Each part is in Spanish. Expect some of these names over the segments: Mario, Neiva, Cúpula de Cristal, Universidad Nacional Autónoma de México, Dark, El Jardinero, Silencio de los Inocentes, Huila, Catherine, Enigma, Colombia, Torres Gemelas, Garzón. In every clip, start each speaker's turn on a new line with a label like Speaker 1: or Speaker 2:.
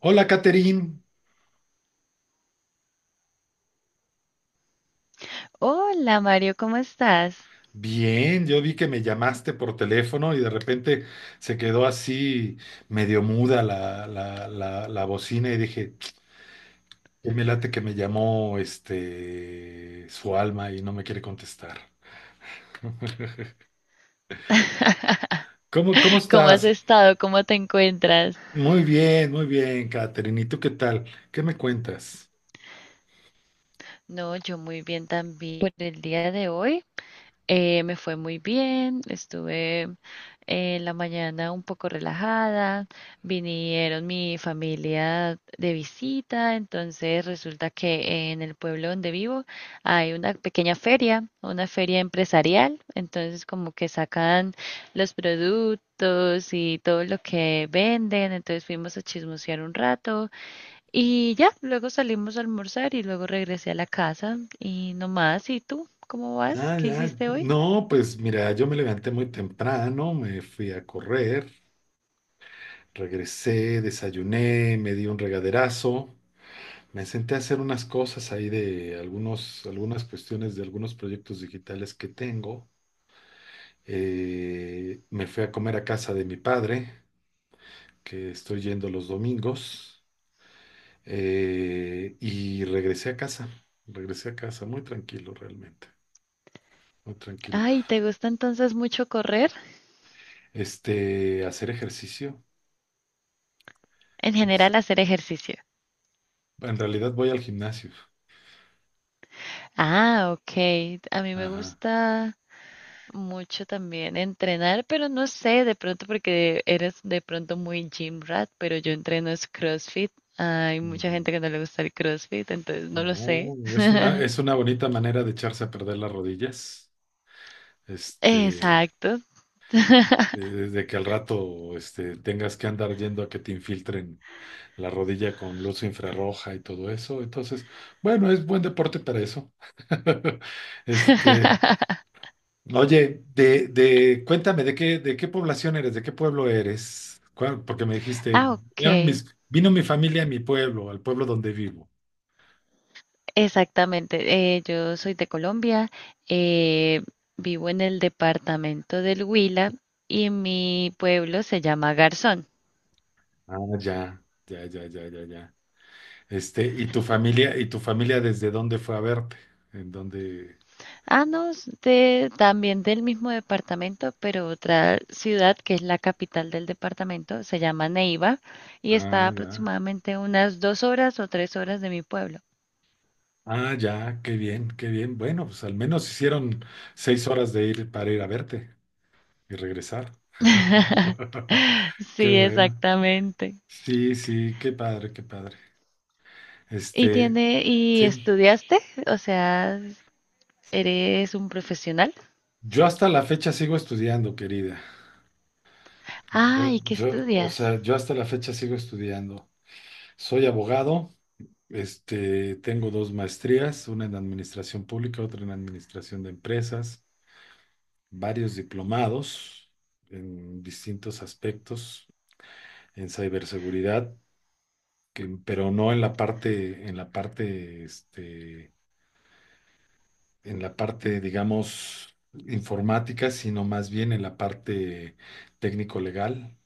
Speaker 1: Hola, Catherine.
Speaker 2: Hola Mario, ¿cómo estás?
Speaker 1: Bien, yo vi que me llamaste por teléfono y de repente se quedó así medio muda la bocina y dije, "Qué me late que me llamó este su alma y no me quiere contestar." ¿¿Cómo
Speaker 2: ¿Cómo
Speaker 1: estás?
Speaker 2: has estado? ¿Cómo te encuentras?
Speaker 1: Muy bien, Catherine. ¿Y tú qué tal? ¿Qué me cuentas?
Speaker 2: No, yo muy bien también por el día de hoy. Me fue muy bien, estuve en la mañana un poco relajada, vinieron mi familia de visita, entonces resulta que en el pueblo donde vivo hay una pequeña feria, una feria empresarial, entonces como que sacan los productos y todo lo que venden, entonces fuimos a chismosear un rato y ya, luego salimos a almorzar y luego regresé a la casa y no más. ¿Y tú? ¿Cómo vas?
Speaker 1: Ah,
Speaker 2: ¿Qué
Speaker 1: ya.
Speaker 2: hiciste hoy?
Speaker 1: No, pues mira, yo me levanté muy temprano, me fui a correr, regresé, desayuné, me di un regaderazo. Me senté a hacer unas cosas ahí de algunas cuestiones de algunos proyectos digitales que tengo. Me fui a comer a casa de mi padre, que estoy yendo los domingos, y regresé a casa. Regresé a casa muy tranquilo realmente, muy tranquilo.
Speaker 2: Ay, ¿te gusta entonces mucho correr?
Speaker 1: Hacer ejercicio.
Speaker 2: En
Speaker 1: es-
Speaker 2: general, hacer ejercicio.
Speaker 1: en realidad voy al gimnasio.
Speaker 2: Ah, ok. A mí me
Speaker 1: Ajá.
Speaker 2: gusta mucho también entrenar, pero no sé, de pronto porque eres de pronto muy gym rat, pero yo entreno es CrossFit. Hay mucha
Speaker 1: Ujú.
Speaker 2: gente que no le gusta el CrossFit, entonces no lo sé.
Speaker 1: No, es una bonita manera de echarse a perder las rodillas. Este.
Speaker 2: Exacto.
Speaker 1: De que al rato tengas que andar yendo a que te infiltren la rodilla con luz infrarroja y todo eso. Entonces, bueno, es buen deporte para eso. Este, oye, cuéntame, ¿ de qué población eres? ¿De qué pueblo eres? ¿Cuál- Porque me dijiste,
Speaker 2: Ah, ok.
Speaker 1: vino mi familia a mi pueblo, al pueblo donde vivo.
Speaker 2: Exactamente, yo soy de Colombia, eh, vivo en el departamento del Huila y mi pueblo se llama Garzón.
Speaker 1: Ah, ya. Este, ¿ y tu familia desde dónde fue a verte? ¿En dónde?
Speaker 2: Ah, no, es de, también del mismo departamento, pero otra ciudad que es la capital del departamento se llama Neiva y está
Speaker 1: Ah, ya.
Speaker 2: aproximadamente unas 2 horas o 3 horas de mi pueblo.
Speaker 1: Ah, ya, qué bien, qué bien. Bueno, pues al menos hicieron seis horas de ir para ir a verte y regresar. Qué
Speaker 2: Sí,
Speaker 1: bueno.
Speaker 2: exactamente.
Speaker 1: Sí, sí, qué padre, qué padre.
Speaker 2: ¿Y
Speaker 1: Este,
Speaker 2: tiene, y
Speaker 1: sí,
Speaker 2: estudiaste? O sea, ¿eres un profesional?
Speaker 1: yo hasta la fecha sigo estudiando, querida.
Speaker 2: Ah, ¿y qué estudias?
Speaker 1: Yo hasta la fecha sigo estudiando. Soy abogado, tengo dos maestrías, una en administración pública, otra en administración de empresas, varios diplomados en distintos aspectos en ciberseguridad, pero no en la parte, en la parte, digamos, informática, sino más bien en la parte técnico-legal,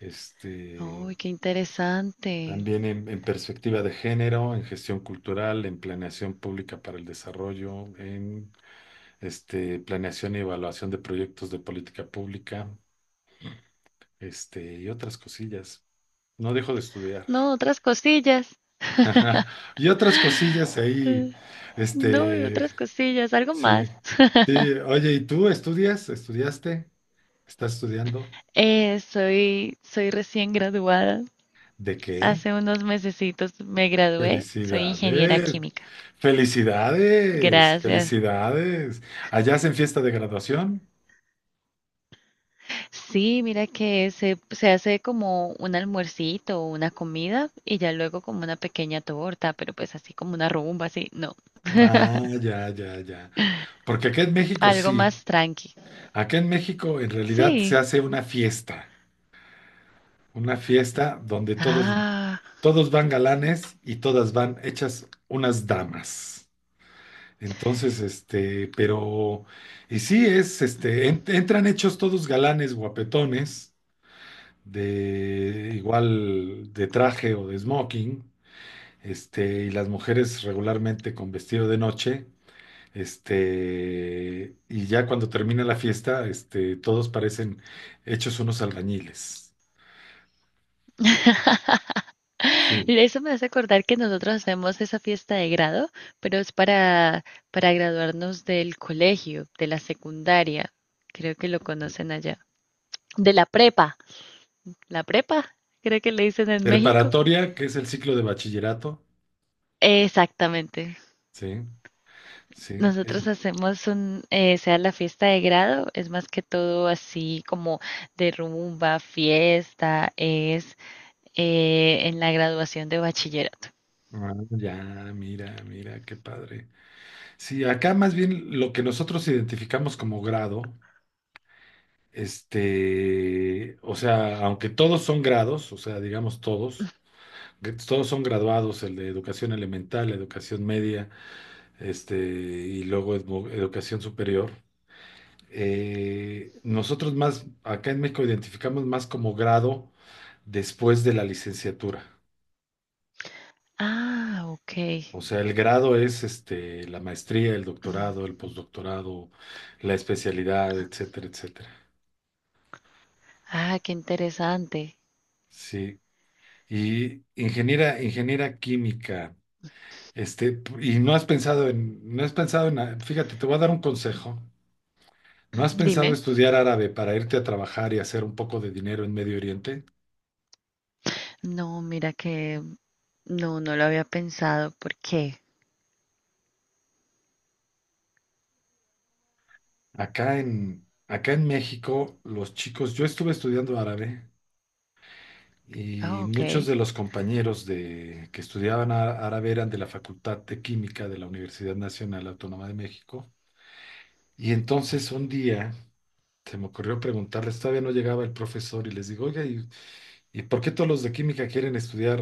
Speaker 1: este,
Speaker 2: Uy, qué interesante.
Speaker 1: también en perspectiva de género, en gestión cultural, en planeación pública para el desarrollo, en planeación y evaluación de proyectos de política pública, y otras cosillas. No dejo de estudiar.
Speaker 2: No, otras cosillas.
Speaker 1: Ajá. Y otras cosillas ahí,
Speaker 2: Eh, No, y
Speaker 1: este,
Speaker 2: otras cosillas, algo
Speaker 1: sí.
Speaker 2: más.
Speaker 1: Sí, oye, ¿y tú estudias? ¿Estudiaste? ¿Estás estudiando?
Speaker 2: Soy recién graduada.
Speaker 1: ¿De qué?
Speaker 2: Hace unos mesecitos me gradué. Soy ingeniera
Speaker 1: Felicidades,
Speaker 2: química.
Speaker 1: felicidades,
Speaker 2: Gracias.
Speaker 1: felicidades. ¿Allá hacen fiesta de graduación?
Speaker 2: Sí, mira que se hace como un almuercito o una comida y ya luego como una pequeña torta, pero pues así como una rumba, así, no,
Speaker 1: Ah, ya. Porque acá en México
Speaker 2: algo
Speaker 1: sí.
Speaker 2: más tranqui.
Speaker 1: Acá en México en realidad se
Speaker 2: Sí.
Speaker 1: hace una fiesta donde todos,
Speaker 2: Ah.
Speaker 1: todos van galanes y todas van hechas unas damas. Entonces, y sí es, entran hechos todos galanes, guapetones, de igual de traje o de smoking, y las mujeres regularmente con vestido de noche, y ya cuando termina la fiesta, todos parecen hechos unos albañiles. Sí.
Speaker 2: Eso me hace acordar que nosotros hacemos esa fiesta de grado, pero es para graduarnos del colegio, de la secundaria, creo que lo conocen allá, de la prepa, la prepa, creo que le dicen en México.
Speaker 1: Preparatoria, que es el ciclo de bachillerato,
Speaker 2: Exactamente.
Speaker 1: sí, sí.
Speaker 2: Nosotros hacemos sea la fiesta de grado, es más que todo así como de rumba, fiesta, es en la graduación de bachillerato.
Speaker 1: Ah, ya, mira, mira, qué padre. Sí, acá más bien lo que nosotros identificamos como grado, o sea, aunque todos son grados, que todos son graduados, el de educación elemental, educación media, y luego educación superior. Nosotros más, acá en México identificamos más como grado después de la licenciatura.
Speaker 2: Ah, ok.
Speaker 1: O sea, el grado es la maestría, el
Speaker 2: Mm.
Speaker 1: doctorado, el postdoctorado, la especialidad, etcétera, etcétera.
Speaker 2: Ah, qué interesante.
Speaker 1: Sí, y ingeniera, ingeniera química, y no has pensado en, fíjate, te voy a dar un consejo. ¿No has pensado
Speaker 2: Dime.
Speaker 1: estudiar árabe para irte a trabajar y hacer un poco de dinero en Medio Oriente?
Speaker 2: No, mira que no lo había pensado. ¿Por qué?
Speaker 1: Acá en México, los chicos, yo estuve estudiando árabe
Speaker 2: Ah,
Speaker 1: y
Speaker 2: ok.
Speaker 1: muchos de los compañeros que árabe eran de la Facultad de Química de la Universidad Nacional Autónoma de México. Y entonces un día se me ocurrió preguntarles, todavía no llegaba el profesor y les digo, oiga, ¿ y por qué todos los de química quieren estudiar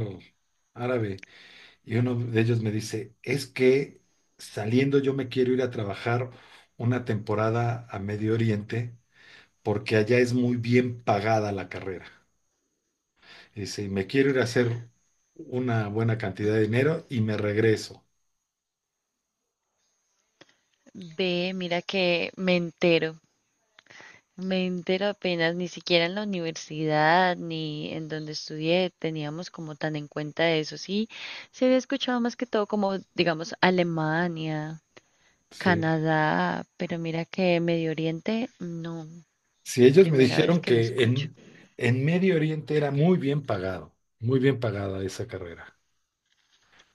Speaker 1: árabe? Y uno de ellos me dice, es que saliendo yo me quiero ir a trabajar una temporada a Medio Oriente porque allá es muy bien pagada la carrera. Y dice, y me quiero ir a hacer una buena cantidad de dinero y me regreso.
Speaker 2: Ve, mira que me entero. Me entero apenas, ni siquiera en la universidad ni en donde estudié teníamos como tan en cuenta eso. Sí, se había escuchado más que todo como, digamos, Alemania,
Speaker 1: Sí.
Speaker 2: Canadá, pero mira que Medio Oriente, no,
Speaker 1: Si ellos me
Speaker 2: primera vez
Speaker 1: dijeron
Speaker 2: que lo escucho.
Speaker 1: en Medio Oriente era muy bien pagado, muy bien pagada esa carrera.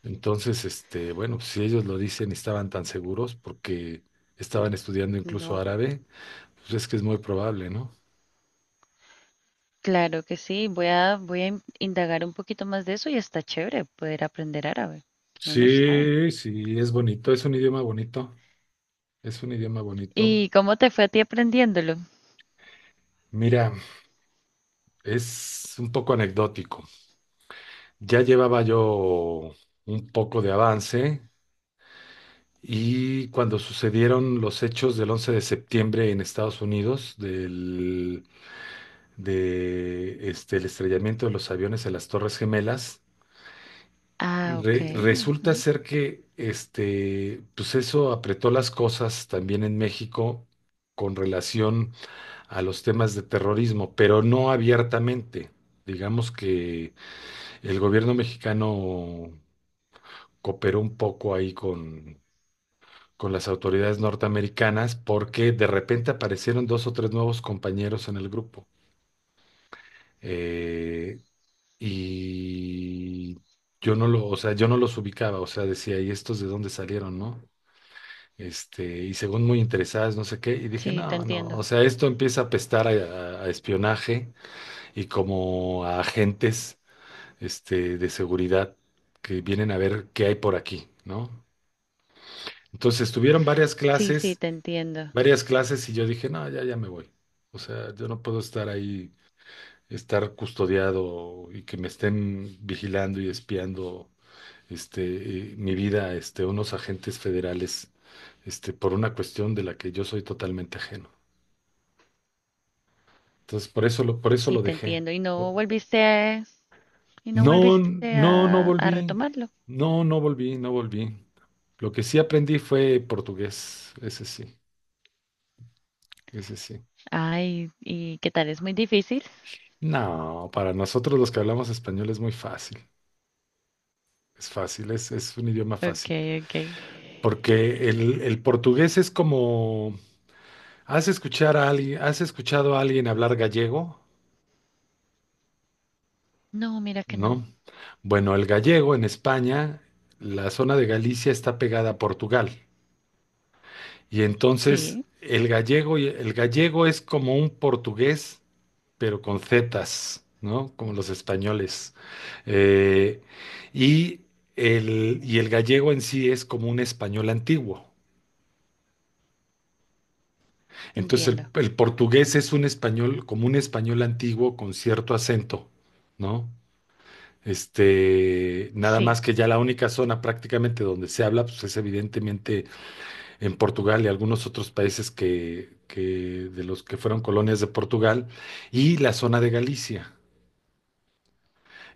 Speaker 1: Entonces, bueno, pues, si ellos lo dicen y estaban tan seguros porque estaban estudiando incluso
Speaker 2: No.
Speaker 1: árabe, pues es que es muy probable, ¿no?
Speaker 2: Claro que sí, voy a, indagar un poquito más de eso y está chévere poder aprender árabe. No no sabe.
Speaker 1: Sí, sí, es bonito, es un idioma bonito, es un idioma bonito.
Speaker 2: ¿Y cómo te fue a ti aprendiéndolo?
Speaker 1: Mira, es un poco anecdótico. Ya llevaba yo un poco de avance y cuando sucedieron los hechos del 11 de septiembre en Estados Unidos, el estrellamiento de los aviones en las Torres Gemelas.
Speaker 2: Ah, ok.
Speaker 1: Resulta
Speaker 2: Ujú.
Speaker 1: ser que pues eso apretó las cosas también en México con relación a los temas de terrorismo, pero no abiertamente. Digamos que el gobierno mexicano cooperó un poco ahí con las autoridades norteamericanas porque de repente aparecieron dos o tres nuevos compañeros en el grupo. Eh, y yo no los ubicaba, o sea, decía, ¿y estos de dónde salieron, no? Y según muy interesadas, no sé qué, y dije,
Speaker 2: Sí, te
Speaker 1: no, no,
Speaker 2: entiendo.
Speaker 1: o sea, esto empieza a pestar a, a espionaje y como a agentes, de seguridad que vienen a ver qué hay por aquí, ¿no? Entonces tuvieron
Speaker 2: Sí, sí, te entiendo.
Speaker 1: varias clases y yo dije, no, ya, ya me voy. O sea, yo no puedo estar ahí estar custodiado y que me estén vigilando y espiando mi vida, unos agentes federales, por una cuestión de la que yo soy totalmente ajeno. Entonces, por eso
Speaker 2: Sí,
Speaker 1: lo
Speaker 2: te
Speaker 1: dejé.
Speaker 2: entiendo. ¿Y no volviste a, y no
Speaker 1: No,
Speaker 2: volviste
Speaker 1: no, no
Speaker 2: a
Speaker 1: volví.
Speaker 2: retomarlo?
Speaker 1: No, no volví, no volví. Lo que sí aprendí fue portugués, ese sí, ese sí.
Speaker 2: Ay, ¿y qué tal? ¿Es muy difícil?
Speaker 1: No, para nosotros los que hablamos español es muy fácil. Es fácil, es un idioma
Speaker 2: Ok,
Speaker 1: fácil.
Speaker 2: ok.
Speaker 1: Porque el portugués es como, ¿ has escuchado a alguien hablar gallego?
Speaker 2: No, mira que no.
Speaker 1: ¿No? Bueno, el gallego en España, la zona de Galicia está pegada a Portugal. Y entonces
Speaker 2: Sí,
Speaker 1: el gallego es como un portugués, pero con zetas, ¿no? Como los españoles. Eh, y el, y el gallego en sí es como un español antiguo. Entonces
Speaker 2: entiendo.
Speaker 1: el portugués es un español, como un español antiguo con cierto acento, ¿no? Nada más
Speaker 2: Sí.
Speaker 1: que ya la única zona prácticamente donde se habla, pues es evidentemente en Portugal y algunos otros países que de los que fueron colonias de Portugal y la zona de Galicia.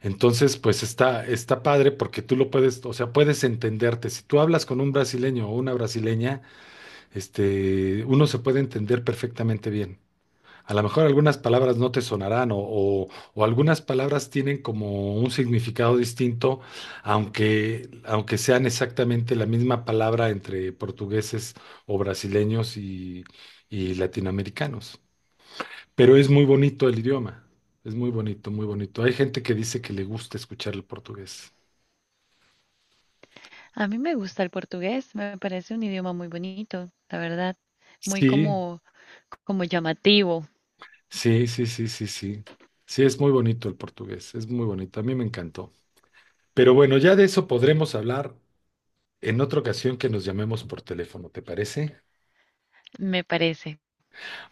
Speaker 1: Entonces, pues está, está padre porque tú lo puedes, o sea, puedes entenderte. Si tú hablas con un brasileño o una brasileña, uno se puede entender perfectamente bien. A lo mejor algunas palabras no te sonarán o algunas palabras tienen como un significado distinto, aunque sean exactamente la misma palabra entre portugueses o brasileños y latinoamericanos. Pero es muy bonito el idioma, es muy bonito, muy bonito. Hay gente que dice que le gusta escuchar el portugués.
Speaker 2: A mí me gusta el portugués, me parece un idioma muy bonito, la verdad, muy
Speaker 1: Sí,
Speaker 2: como, como llamativo,
Speaker 1: sí. Sí, es muy bonito el portugués, es muy bonito, a mí me encantó. Pero bueno, ya de eso podremos hablar en otra ocasión que nos llamemos por teléfono, ¿te parece?
Speaker 2: me parece.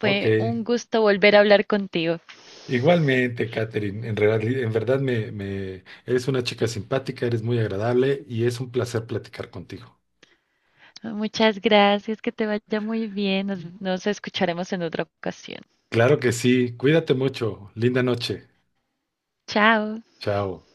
Speaker 1: Ok.
Speaker 2: un gusto volver a hablar contigo.
Speaker 1: Igualmente, Katherine, en verdad, eres una chica simpática, eres muy agradable y es un placer platicar contigo.
Speaker 2: Muchas gracias, que te vaya muy bien. Nos escucharemos en otra ocasión.
Speaker 1: Claro que sí, cuídate mucho, linda noche,
Speaker 2: Chao.
Speaker 1: chao.